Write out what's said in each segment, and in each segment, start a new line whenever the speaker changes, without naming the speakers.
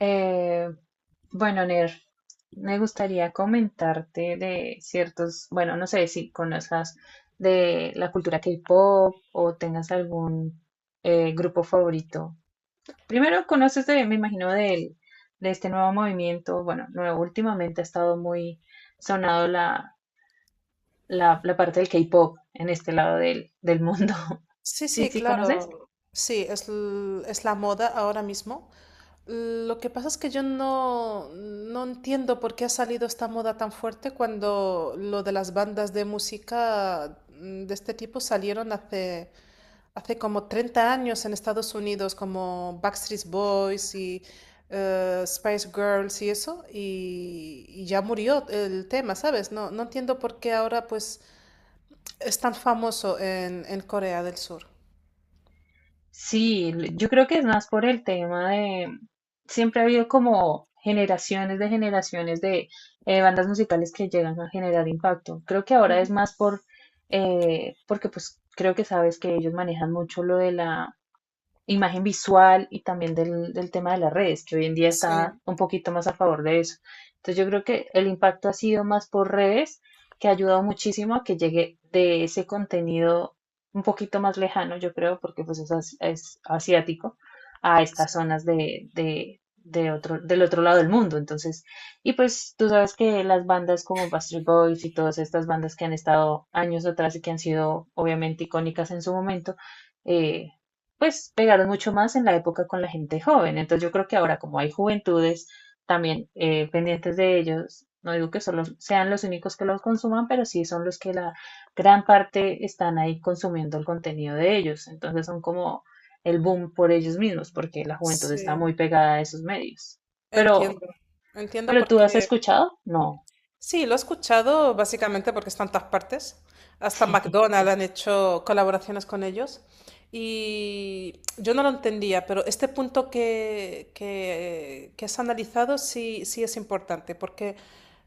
Eh, bueno, Ner, me gustaría comentarte de ciertos, bueno, no sé si conozcas de la cultura K-pop o tengas algún grupo favorito. Primero, conoces de, me imagino, de este nuevo movimiento. Bueno, nuevo, últimamente ha estado muy sonado la, la parte del K-pop en este lado del mundo.
Sí,
Sí,
sí,
sí, ¿conoces?
claro. Sí, es la moda ahora mismo. Lo que pasa es que yo no entiendo por qué ha salido esta moda tan fuerte cuando lo de las bandas de música de este tipo salieron hace como 30 años en Estados Unidos, como Backstreet Boys y Spice Girls y eso, y ya murió el tema, ¿sabes? No entiendo por qué ahora pues es tan famoso en Corea del Sur.
Sí, yo creo que es más por el tema de, siempre ha habido como generaciones de bandas musicales que llegan a generar impacto. Creo que ahora es más por, porque pues creo que sabes que ellos manejan mucho lo de la imagen visual y también del tema de las redes, que hoy en día está
Sí,
un poquito más a favor de eso. Entonces yo creo que el impacto ha sido más por redes, que ha ayudado muchísimo a que llegue de ese contenido un poquito más lejano, yo creo, porque pues es, es asiático, a estas zonas de otro, del otro lado del mundo. Entonces, y pues tú sabes que las bandas como Backstreet Boys y todas estas bandas que han estado años atrás y que han sido obviamente icónicas en su momento, eh, pues pegaron mucho más en la época con la gente joven. Entonces yo creo que ahora como hay juventudes también pendientes de ellos, no digo que solo sean los únicos que los consuman, pero sí son los que la gran parte están ahí consumiendo el contenido de ellos. Entonces son como el boom por ellos mismos, porque la juventud está
sí,
muy pegada a esos medios. Pero,
entiendo. Entiendo
pero tú has
porque
escuchado? No.
sí, lo he escuchado básicamente porque está en todas partes. Hasta
Sí.
McDonald's han hecho colaboraciones con ellos. Y yo no lo entendía, pero este punto que has analizado sí, sí es importante, porque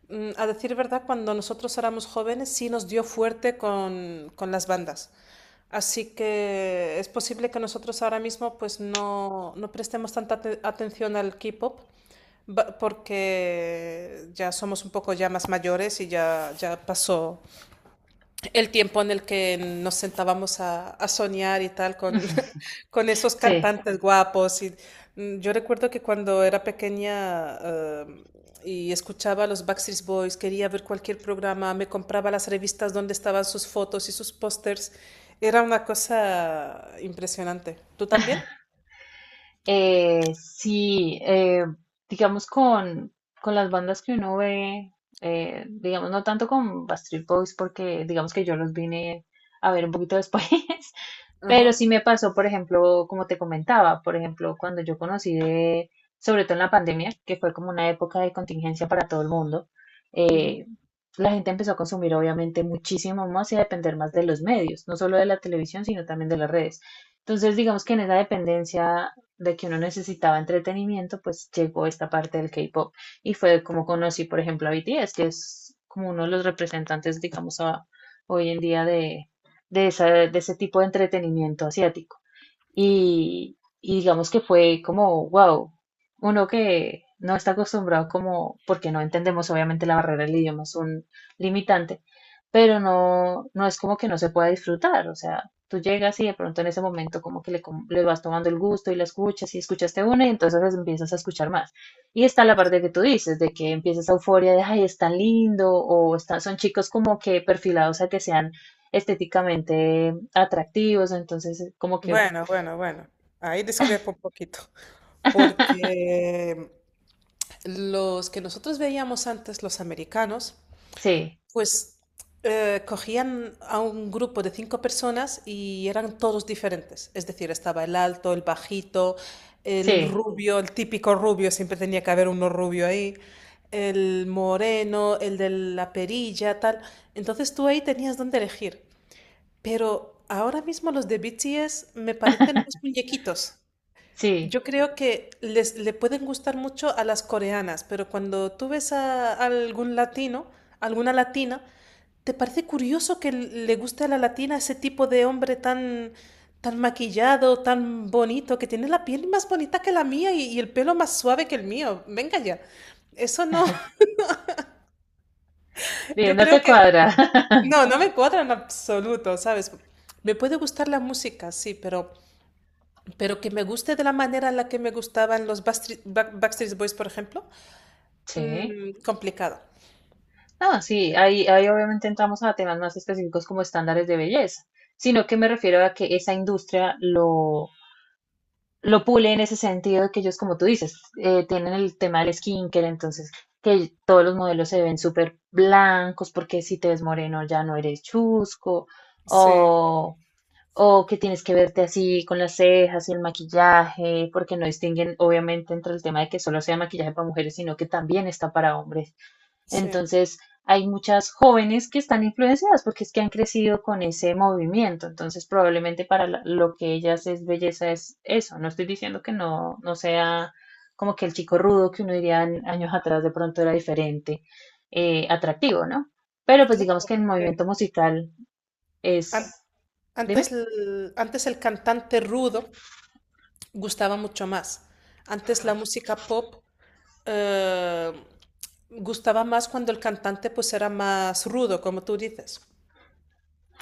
a decir verdad, cuando nosotros éramos jóvenes sí nos dio fuerte con las bandas. Así que es posible que nosotros ahora mismo pues no prestemos tanta atención al K-pop porque ya somos un poco ya más mayores y ya pasó, el tiempo en el que nos sentábamos a soñar y tal con, con esos
Sí.
cantantes guapos. Yo recuerdo que cuando era pequeña y escuchaba a los Backstreet Boys, quería ver cualquier programa, me compraba las revistas donde estaban sus fotos y sus pósters. Era una cosa impresionante. ¿Tú también?
Eh, sí, digamos con las bandas que uno ve, digamos no tanto con Backstreet Boys porque digamos que yo los vine a ver un poquito después, pero
Ajá,
sí me pasó, por ejemplo, como te comentaba, por ejemplo, cuando yo conocí de, sobre todo en la pandemia, que fue como una época de contingencia para todo el mundo,
ujú.
eh, la gente empezó a consumir obviamente muchísimo más y a depender más de los medios, no solo de la televisión, sino también de las redes. Entonces, digamos que en esa dependencia de que uno necesitaba entretenimiento, pues llegó esta parte del K-pop y fue como conocí, por ejemplo, a BTS, que es como uno de los representantes, digamos, hoy en día de, de ese tipo de entretenimiento asiático. Y digamos que fue como, wow, uno que no está acostumbrado como, porque no entendemos, obviamente la barrera del idioma es un limitante, pero no, no es como que no se pueda disfrutar, o sea, tú llegas y de pronto en ese momento como que le, le vas tomando el gusto y la escuchas y escuchaste una y entonces empiezas a escuchar más. Y está la parte que tú dices, de que empiezas a euforia de, ay, es tan lindo, o están, son chicos como que perfilados a que sean estéticamente atractivos, entonces como que
Bueno, bueno, bueno. Ahí discrepo un poquito. Porque los que nosotros veíamos antes, los americanos,
Sí,
pues cogían a un grupo de 5 personas y eran todos diferentes. Es decir, estaba el alto, el bajito, el
sí,
rubio, el típico rubio, siempre tenía que haber uno rubio ahí, el moreno, el de la perilla, tal. Entonces tú ahí tenías dónde elegir. Pero ahora mismo los de BTS me parecen más muñequitos.
sí.
Yo creo que les le pueden gustar mucho a las coreanas, pero cuando tú ves a algún latino, alguna latina, ¿te parece curioso que le guste a la latina ese tipo de hombre tan, tan maquillado, tan bonito, que tiene la piel más bonita que la mía y el pelo más suave que el mío? Venga ya. Eso no,
Bien,
yo
no
creo
te
que
cuadra.
no, no me cuadra en absoluto, ¿sabes? Me puede gustar la música, sí, pero que me guste de la manera en la que me gustaban los Backstreet Boys, por ejemplo,
Sí.
mm, complicado.
No, sí, ahí, ahí obviamente entramos a temas más específicos como estándares de belleza, sino que me refiero a que esa industria lo pule en ese sentido de que ellos, como tú dices, tienen el tema del skincare, entonces que todos los modelos se ven súper blancos porque si te ves moreno ya no eres chusco,
Sí,
o O que tienes que verte así con las cejas y el maquillaje, porque no distinguen obviamente entre el tema de que solo sea maquillaje para mujeres, sino que también está para hombres.
sí.
Entonces, hay muchas jóvenes que están influenciadas porque es que han crecido con ese movimiento. Entonces, probablemente para lo que ellas es belleza es eso. No estoy diciendo que no, no sea como que el chico rudo que uno diría años atrás de pronto era diferente, atractivo, ¿no? Pero pues digamos
Claro,
que el
porque
movimiento musical
an-
es... Dime.
antes el cantante rudo gustaba mucho más. Antes la música pop eh, gustaba más cuando el cantante pues era más rudo, como tú dices.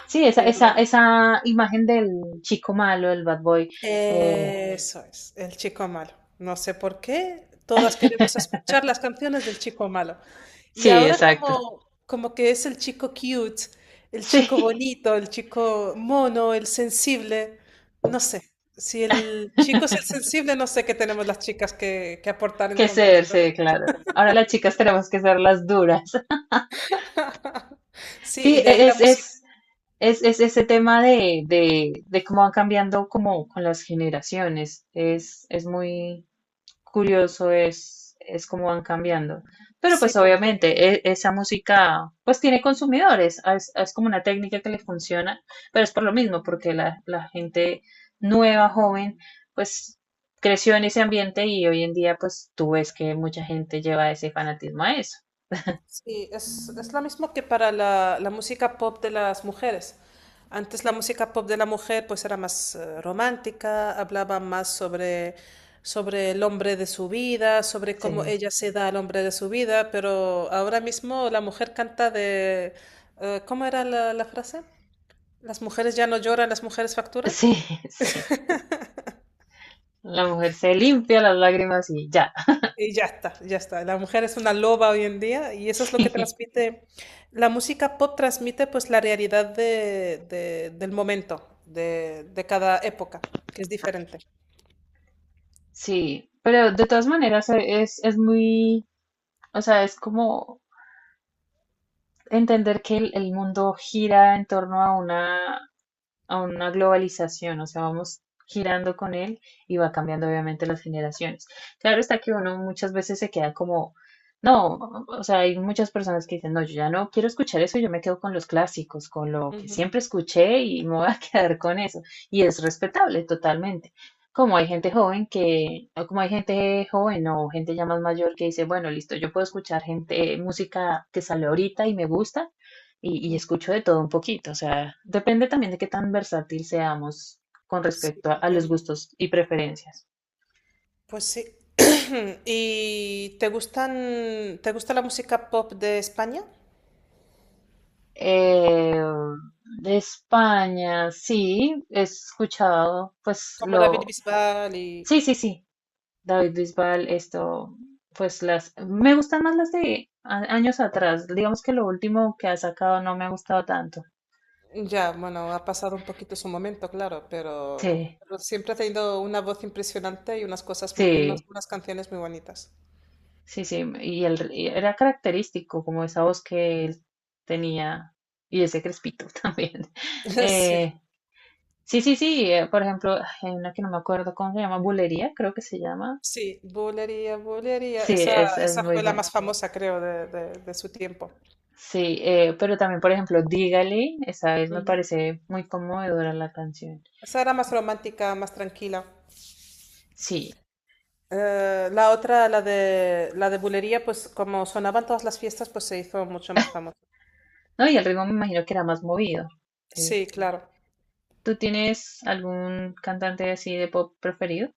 Sí, esa, esa,
Pero
esa imagen del chico malo, el bad boy. eh,
eso es, el chico malo. No sé por qué, todas queremos escuchar las canciones del chico malo. Y
sí,
ahora
exacto.
como, como que es el chico cute, el chico
Sí,
bonito, el chico mono, el sensible, no sé. Si el chico es el sensible, no sé qué tenemos las chicas que aportar
que
entonces.
ser, sí, claro. Ahora las chicas tenemos que ser las duras.
Sí,
Sí,
y de ahí la música,
es ese tema de cómo van cambiando como con las generaciones. Es muy, curioso es cómo van cambiando. Pero
sí,
pues
porque
obviamente esa música pues tiene consumidores, es como una técnica que le funciona, pero es por lo mismo, porque la gente nueva, joven, pues creció en ese ambiente y hoy en día pues tú ves que mucha gente lleva ese fanatismo a eso.
sí, es lo mismo que para la música pop de las mujeres. Antes la música pop de la mujer pues era más romántica, hablaba más sobre, sobre el hombre de su vida, sobre
Sí,
cómo ella se da al hombre de su vida, pero ahora mismo la mujer canta de... ¿cómo era la frase? ¿Las mujeres ya no lloran, las mujeres facturan?
sí, sí. La mujer se limpia las lágrimas y ya.
Y ya está, ya está. La mujer es una loba hoy en día y eso es lo que
Sí,
transmite, la música pop transmite pues la realidad del momento, de cada época, que es diferente.
sí. Pero de todas maneras es muy, o sea, es como entender que el mundo gira en torno a una globalización, o sea, vamos girando con él y va cambiando obviamente las generaciones. Claro está que uno muchas veces se queda como, no, o sea, hay muchas personas que dicen, no, yo ya no quiero escuchar eso, yo me quedo con los clásicos, con lo que
Ujú,
siempre escuché y me voy a quedar con eso. Y es respetable totalmente. Como hay gente joven que, o como hay gente joven o gente ya más mayor que dice, bueno, listo, yo puedo escuchar gente, música que sale ahorita y me gusta, y
ujú.
escucho de todo un poquito, o sea, depende también de qué tan versátil seamos con
Sí,
respecto a los
entiendo.
gustos y preferencias.
Pues sí. ¿Y te gustan, te gusta la música pop de España?
Eh, de España, sí, he escuchado, pues
Como David
lo,
Bisbal y...
sí, sí, sí, David Bisbal, esto, pues las, me gustan más las de años atrás, digamos que lo último que ha sacado no me ha gustado tanto.
Ya, bueno, ha pasado un poquito su momento, claro,
Sí,
pero siempre ha tenido una voz impresionante y unas cosas, unas,
sí.
unas canciones muy bonitas.
Sí, sí, y, el, y era característico como esa voz que él tenía y ese crespito también.
Sí,
Eh, sí, sí, sí, por ejemplo, ay, hay una que no me acuerdo cómo se llama, Bulería, creo que se llama.
sí, Bulería, Bulería.
Sí,
Esa,
es
esa
muy
fue la
buena.
más famosa, creo, de su tiempo.
Sí, pero también, por ejemplo, Dígale, esa vez me
Ujú.
parece muy conmovedora la canción.
Esa era más romántica, más tranquila.
Sí,
La otra, la de Bulería, pues como sonaban todas las fiestas, pues se hizo mucho más famosa.
no, y el ritmo me imagino que era más movido. Eh,
Sí, claro.
¿Tú tienes algún cantante así de pop preferido?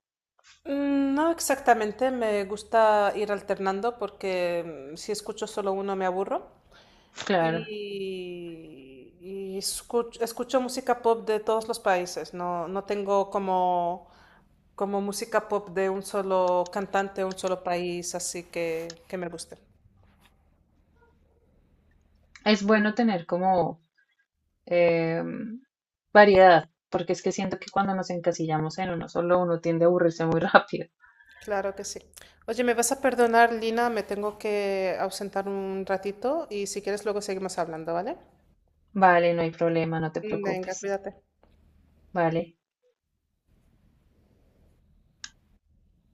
Mm, no exactamente, me gusta ir alternando porque mm, si escucho solo uno me aburro.
Claro,
Y escucho música pop de todos los países. No, no tengo como, como música pop de un solo cantante, un solo país, así que me guste.
es bueno
Ujú,
tener como eh, variedad, porque es que siento que cuando nos encasillamos en uno solo, uno tiende a aburrirse muy rápido.
claro que sí. Oye, ¿me vas a perdonar, Lina? Me tengo que ausentar un ratito y si quieres luego seguimos hablando, ¿vale?
Vale, no hay problema, no te
Venga,
preocupes.
cuídate.
Vale.